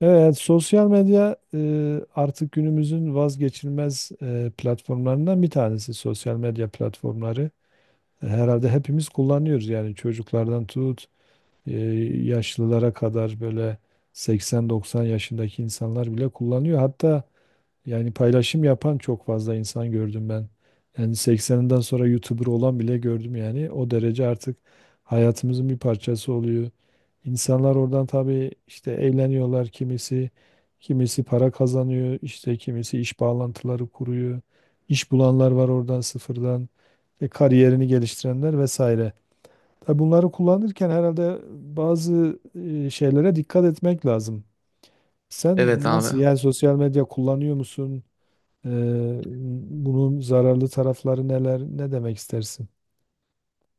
Evet, sosyal medya artık günümüzün vazgeçilmez platformlarından bir tanesi. Sosyal medya platformları herhalde hepimiz kullanıyoruz. Yani çocuklardan tut e, yaşlılara kadar böyle 80-90 yaşındaki insanlar bile kullanıyor. Hatta yani paylaşım yapan çok fazla insan gördüm ben. Yani 80'inden sonra YouTuber olan bile gördüm yani. O derece artık hayatımızın bir parçası oluyor. İnsanlar oradan tabii işte eğleniyorlar kimisi. Kimisi para kazanıyor, işte kimisi iş bağlantıları kuruyor. İş bulanlar var oradan sıfırdan. Kariyerini geliştirenler vesaire. Tabii bunları kullanırken herhalde bazı şeylere dikkat etmek lazım. Evet Sen abi. nasıl yani sosyal medya kullanıyor musun? Ee, Bunun zararlı tarafları neler, ne demek istersin?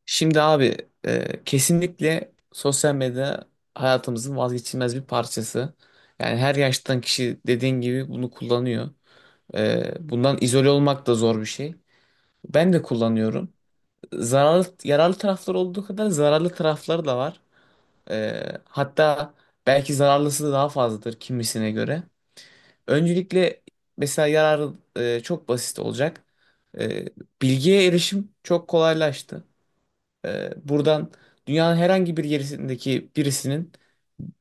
Şimdi abi kesinlikle sosyal medya hayatımızın vazgeçilmez bir parçası. Yani her yaştan kişi dediğin gibi bunu kullanıyor. Bundan izole olmak da zor bir şey. Ben de kullanıyorum. Zararlı, yararlı tarafları olduğu kadar zararlı tarafları da var. Hatta belki zararlısı da daha fazladır kimisine göre. Öncelikle mesela yararı çok basit olacak. E, Bilgiye erişim çok kolaylaştı. Buradan dünyanın herhangi bir yerindeki birisinin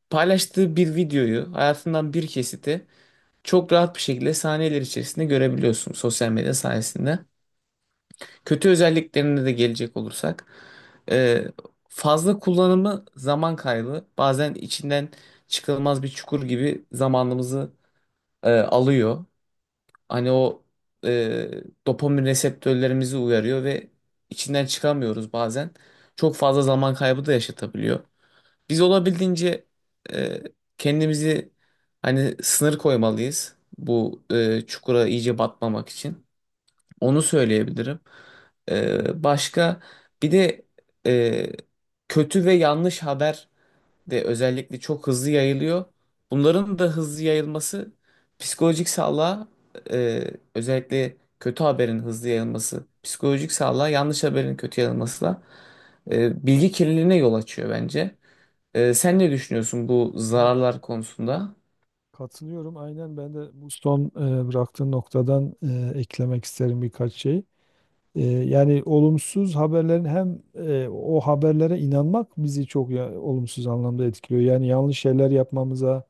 paylaştığı bir videoyu, hayatından bir kesiti çok rahat bir şekilde saniyeler içerisinde görebiliyorsun sosyal medya sayesinde. Kötü özelliklerine de gelecek olursak, ee, fazla kullanımı zaman kaybı, bazen içinden çıkılmaz bir çukur gibi zamanımızı alıyor. Hani o e, dopamin reseptörlerimizi uyarıyor ve içinden çıkamıyoruz bazen. Çok fazla zaman kaybı da yaşatabiliyor. Biz olabildiğince e, kendimizi hani sınır koymalıyız bu çukura iyice batmamak için. Onu söyleyebilirim. Başka bir de e, kötü ve yanlış haber de özellikle çok hızlı yayılıyor. Bunların da hızlı yayılması psikolojik sağlığa e, özellikle kötü haberin hızlı yayılması psikolojik sağlığa yanlış haberin kötü yayılmasıyla bilgi kirliliğine yol açıyor bence. Sen ne düşünüyorsun bu Evet, zararlar konusunda? katılıyorum. Aynen ben de bu son bıraktığın noktadan eklemek isterim birkaç şey. Yani olumsuz haberlerin hem o haberlere inanmak bizi çok olumsuz anlamda etkiliyor. Yani yanlış şeyler yapmamıza,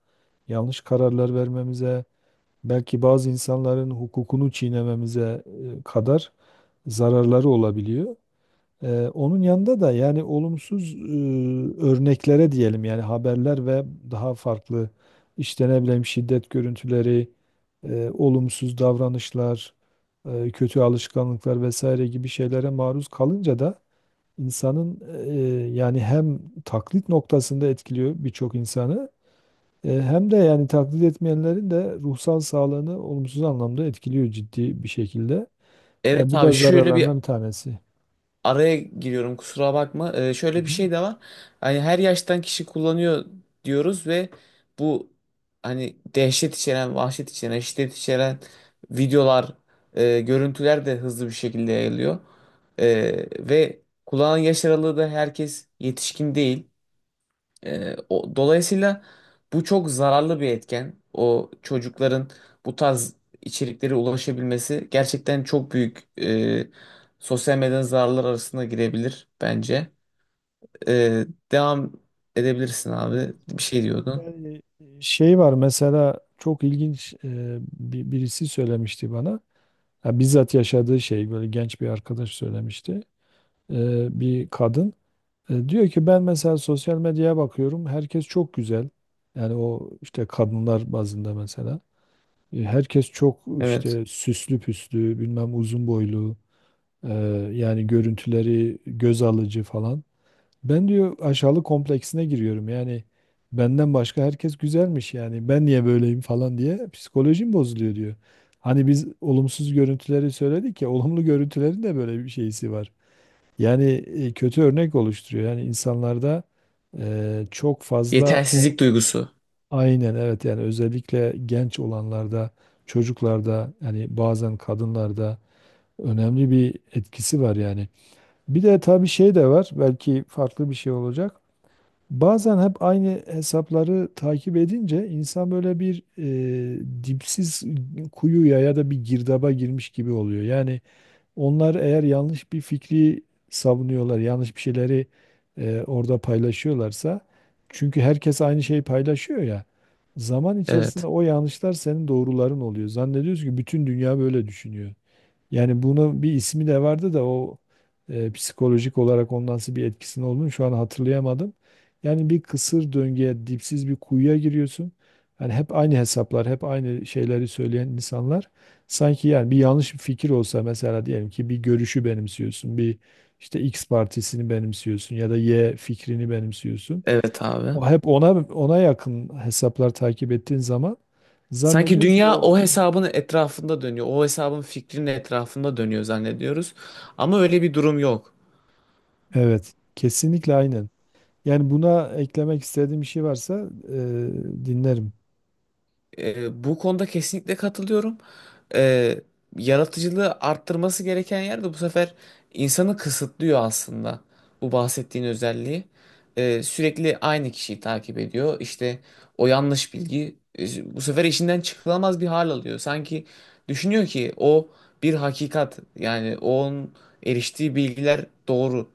yanlış kararlar vermemize, belki bazı insanların hukukunu çiğnememize kadar zararları olabiliyor. Onun yanında da yani olumsuz örneklere diyelim yani haberler ve daha farklı işte ne bileyim şiddet görüntüleri, olumsuz davranışlar, kötü alışkanlıklar vesaire gibi şeylere maruz kalınca da insanın yani hem taklit noktasında etkiliyor birçok insanı hem de yani taklit etmeyenlerin de ruhsal sağlığını olumsuz anlamda etkiliyor ciddi bir şekilde. Evet Bu da abi, şöyle bir zararlarından bir tanesi. araya giriyorum, kusura bakma. Hı Şöyle bir hı. şey de var. Hani her yaştan kişi kullanıyor diyoruz ve bu hani dehşet içeren, vahşet içeren, şiddet içeren videolar, görüntüler de hızlı bir şekilde yayılıyor. Ve kullanan yaş aralığı da herkes yetişkin değil. Dolayısıyla bu çok zararlı bir etken. O çocukların bu tarz içeriklere ulaşabilmesi gerçekten çok büyük sosyal medyanın zararlar arasında girebilir bence. Ee, Devam edebilirsin Evet. abi. Bir şey diyordun. Yani şey var mesela çok ilginç birisi söylemişti bana. Ya bizzat yaşadığı şey böyle genç bir arkadaş söylemişti. Bir kadın diyor ki ben mesela sosyal medyaya bakıyorum. Herkes çok güzel. Yani o işte kadınlar bazında mesela. Herkes çok Evet. işte süslü püslü, bilmem uzun boylu, e, yani görüntüleri göz alıcı falan. Ben diyor aşağılık kompleksine giriyorum. Yani benden başka herkes güzelmiş yani ben niye böyleyim falan diye psikolojim bozuluyor diyor. Hani biz olumsuz görüntüleri söyledik ya olumlu görüntülerin de böyle bir şeysi var. Yani kötü örnek oluşturuyor. Yani insanlarda çok fazla o, Yetersizlik duygusu. aynen evet yani özellikle genç olanlarda, çocuklarda yani bazen kadınlarda önemli bir etkisi var yani. Bir de tabii şey de var belki farklı bir şey olacak. Bazen hep aynı hesapları takip edince insan böyle bir dipsiz kuyuya ya da bir girdaba girmiş gibi oluyor. Yani onlar eğer yanlış bir fikri savunuyorlar, yanlış bir şeyleri orada paylaşıyorlarsa, çünkü herkes aynı şeyi paylaşıyor ya, zaman içerisinde Evet. o yanlışlar senin doğruların oluyor. Zannediyorsun ki bütün dünya böyle düşünüyor. Yani bunu bir ismi de vardı da o psikolojik olarak onun nasıl bir etkisinin olduğunu şu an hatırlayamadım. Yani bir kısır döngüye, dipsiz bir kuyuya giriyorsun. Yani hep aynı hesaplar, hep aynı şeyleri söyleyen insanlar. Sanki yani bir yanlış bir fikir olsa mesela diyelim ki bir görüşü benimsiyorsun, bir işte X partisini benimsiyorsun ya da Y fikrini benimsiyorsun. Evet abi. O hep ona yakın hesaplar takip ettiğin zaman Sanki zannediyorsun ki dünya o o hesabın etrafında dönüyor. O hesabın fikrinin etrafında dönüyor zannediyoruz. Ama öyle bir durum yok. evet, kesinlikle aynen. Yani buna eklemek istediğim bir şey varsa e, dinlerim. Bu konuda kesinlikle katılıyorum. E, Yaratıcılığı arttırması gereken yerde bu sefer insanı kısıtlıyor aslında. Bu bahsettiğin özelliği. Sürekli aynı kişiyi takip ediyor. İşte o yanlış bilgi bu sefer işinden çıkılamaz bir hal alıyor. Sanki düşünüyor ki o bir hakikat. Yani onun eriştiği bilgiler doğru.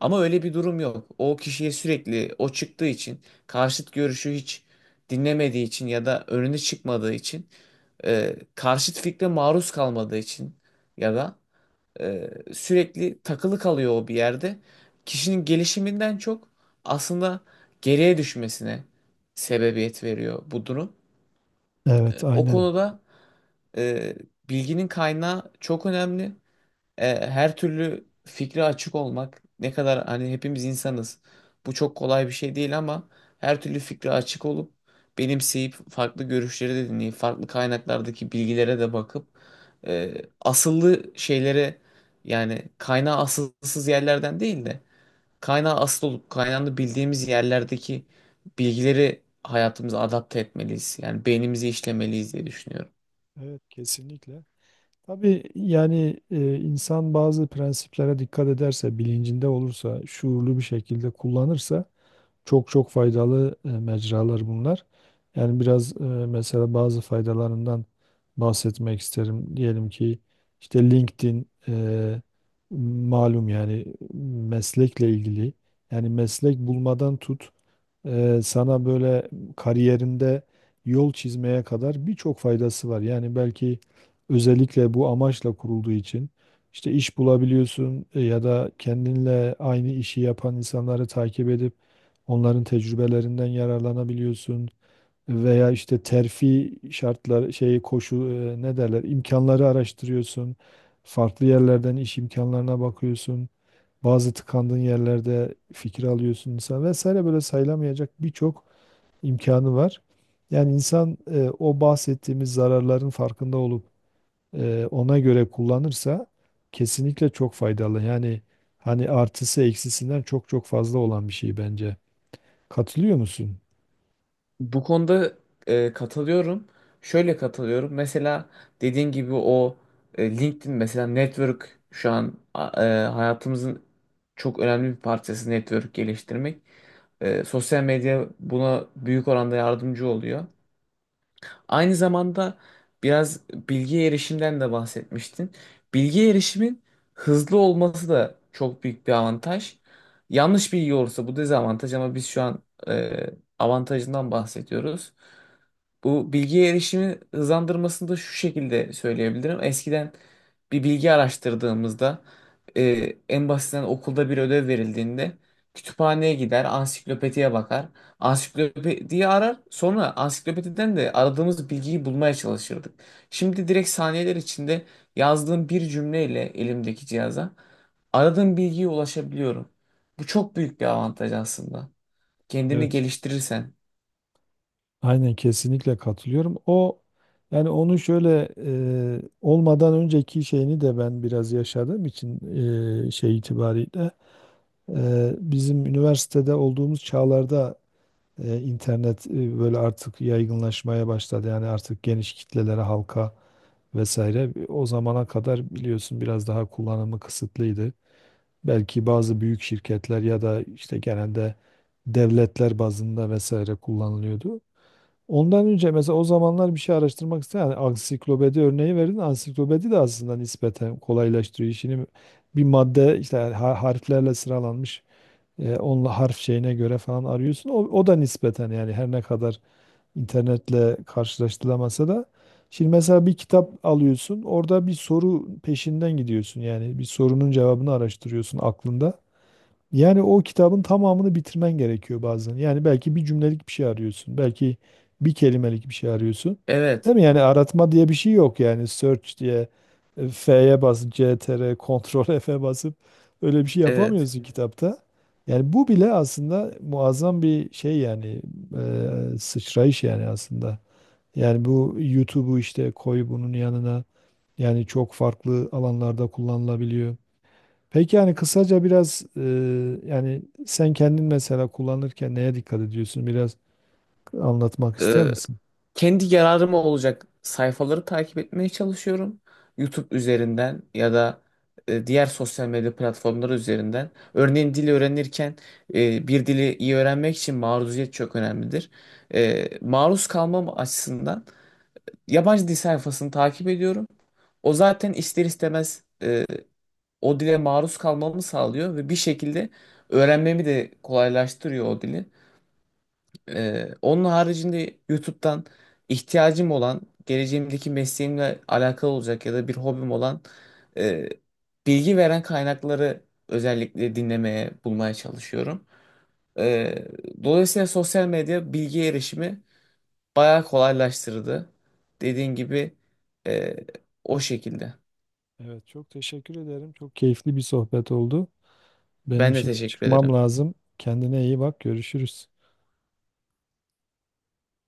Ama öyle bir durum yok. O kişiye sürekli o çıktığı için karşıt görüşü hiç dinlemediği için ya da önüne çıkmadığı için karşıt fikre maruz kalmadığı için ya da sürekli takılı kalıyor o bir yerde. Kişinin gelişiminden çok aslında geriye düşmesine sebebiyet veriyor bu durum. Evet, E, o aynen. konuda e, bilginin kaynağı çok önemli. Her türlü fikre açık olmak ne kadar hani hepimiz insanız. Bu çok kolay bir şey değil ama her türlü fikre açık olup benimseyip farklı görüşleri de dinleyip farklı kaynaklardaki bilgilere de bakıp e, asıllı şeylere yani kaynağı asılsız yerlerden değil de kaynağı asıl olup kaynağını bildiğimiz yerlerdeki bilgileri hayatımıza adapte etmeliyiz. Yani beynimizi işlemeliyiz diye düşünüyorum. Evet, kesinlikle. Tabii yani insan bazı prensiplere dikkat ederse, bilincinde olursa, şuurlu bir şekilde kullanırsa çok çok faydalı mecralar bunlar. Yani biraz mesela bazı faydalarından bahsetmek isterim. Diyelim ki işte LinkedIn malum yani meslekle ilgili. Yani meslek bulmadan tut. Sana böyle kariyerinde yol çizmeye kadar birçok faydası var. Yani belki özellikle bu amaçla kurulduğu için işte iş bulabiliyorsun ya da kendinle aynı işi yapan insanları takip edip onların tecrübelerinden yararlanabiliyorsun veya işte terfi şartları şey koşu ne derler imkanları araştırıyorsun. Farklı yerlerden iş imkanlarına bakıyorsun. Bazı tıkandığın yerlerde fikir alıyorsun insan vesaire böyle sayılamayacak birçok imkanı var. Yani insan o bahsettiğimiz zararların farkında olup ona göre kullanırsa kesinlikle çok faydalı. Yani hani artısı eksisinden çok çok fazla olan bir şey bence. Katılıyor musun? Bu konuda katılıyorum. Şöyle katılıyorum. Mesela dediğin gibi o LinkedIn mesela network şu an hayatımızın çok önemli bir parçası network geliştirmek. Sosyal medya buna büyük oranda yardımcı oluyor. Aynı zamanda biraz bilgi erişimden de bahsetmiştin. Bilgi erişimin hızlı olması da çok büyük bir avantaj. Yanlış bilgi olursa bu dezavantaj ama biz şu an e, avantajından bahsediyoruz. Bu bilgiye erişimi hızlandırmasını da şu şekilde söyleyebilirim. Eskiden bir bilgi araştırdığımızda e, en basitinden okulda bir ödev verildiğinde kütüphaneye gider, ansiklopediye bakar. Ansiklopediyi arar, sonra ansiklopediden de aradığımız bilgiyi bulmaya çalışırdık. Şimdi direkt saniyeler içinde yazdığım bir cümleyle elimdeki cihaza aradığım bilgiye ulaşabiliyorum. Bu çok büyük bir avantaj aslında. Kendini Evet. geliştirirsen. Aynen kesinlikle katılıyorum. O yani onu şöyle olmadan önceki şeyini de ben biraz yaşadığım için şey itibariyle. Bizim üniversitede olduğumuz çağlarda internet böyle artık yaygınlaşmaya başladı. Yani artık geniş kitlelere, halka vesaire. O zamana kadar biliyorsun biraz daha kullanımı kısıtlıydı. Belki bazı büyük şirketler ya da işte genelde devletler bazında vesaire kullanılıyordu. Ondan önce mesela o zamanlar bir şey araştırmak isteyen yani ansiklopedi örneği verdin. Ansiklopedi de aslında nispeten kolaylaştırıyor işini. Bir madde işte harflerle sıralanmış onunla harf şeyine göre falan arıyorsun. O da nispeten yani her ne kadar internetle karşılaştırılamasa da. Şimdi mesela bir kitap alıyorsun, orada bir soru peşinden gidiyorsun. Yani bir sorunun cevabını araştırıyorsun aklında. Yani o kitabın tamamını bitirmen gerekiyor bazen. Yani belki bir cümlelik bir şey arıyorsun. Belki bir kelimelik bir şey arıyorsun. Evet, Değil mi? Yani aratma diye bir şey yok yani. Search diye F'ye basıp CTR, Ctrl F'e basıp öyle bir şey evet, yapamıyorsun kitapta. Yani bu bile aslında muazzam bir şey yani sıçrayış yani aslında. Yani bu YouTube'u işte koy bunun yanına. Yani çok farklı alanlarda kullanılabiliyor. Peki yani kısaca biraz yani sen kendin mesela kullanırken neye dikkat ediyorsun? Biraz anlatmak ister misin? kendi yararıma olacak sayfaları takip etmeye çalışıyorum. YouTube üzerinden ya da diğer sosyal medya platformları üzerinden. Örneğin dil öğrenirken bir dili iyi öğrenmek için maruziyet çok önemlidir. Maruz kalmam açısından yabancı dil sayfasını takip ediyorum. O zaten ister istemez o dile maruz kalmamı sağlıyor ve bir şekilde öğrenmemi de kolaylaştırıyor o dili. Onun haricinde YouTube'dan ihtiyacım olan, geleceğimdeki mesleğimle alakalı olacak ya da bir hobim olan e, bilgi veren kaynakları özellikle dinlemeye, bulmaya çalışıyorum. Ee, Dolayısıyla sosyal medya bilgi erişimi bayağı kolaylaştırdı. Dediğin gibi e, o şekilde. Evet, çok teşekkür ederim. Çok keyifli bir sohbet oldu. Ben Benim de şimdi teşekkür çıkmam ederim. lazım. Kendine iyi bak. Görüşürüz.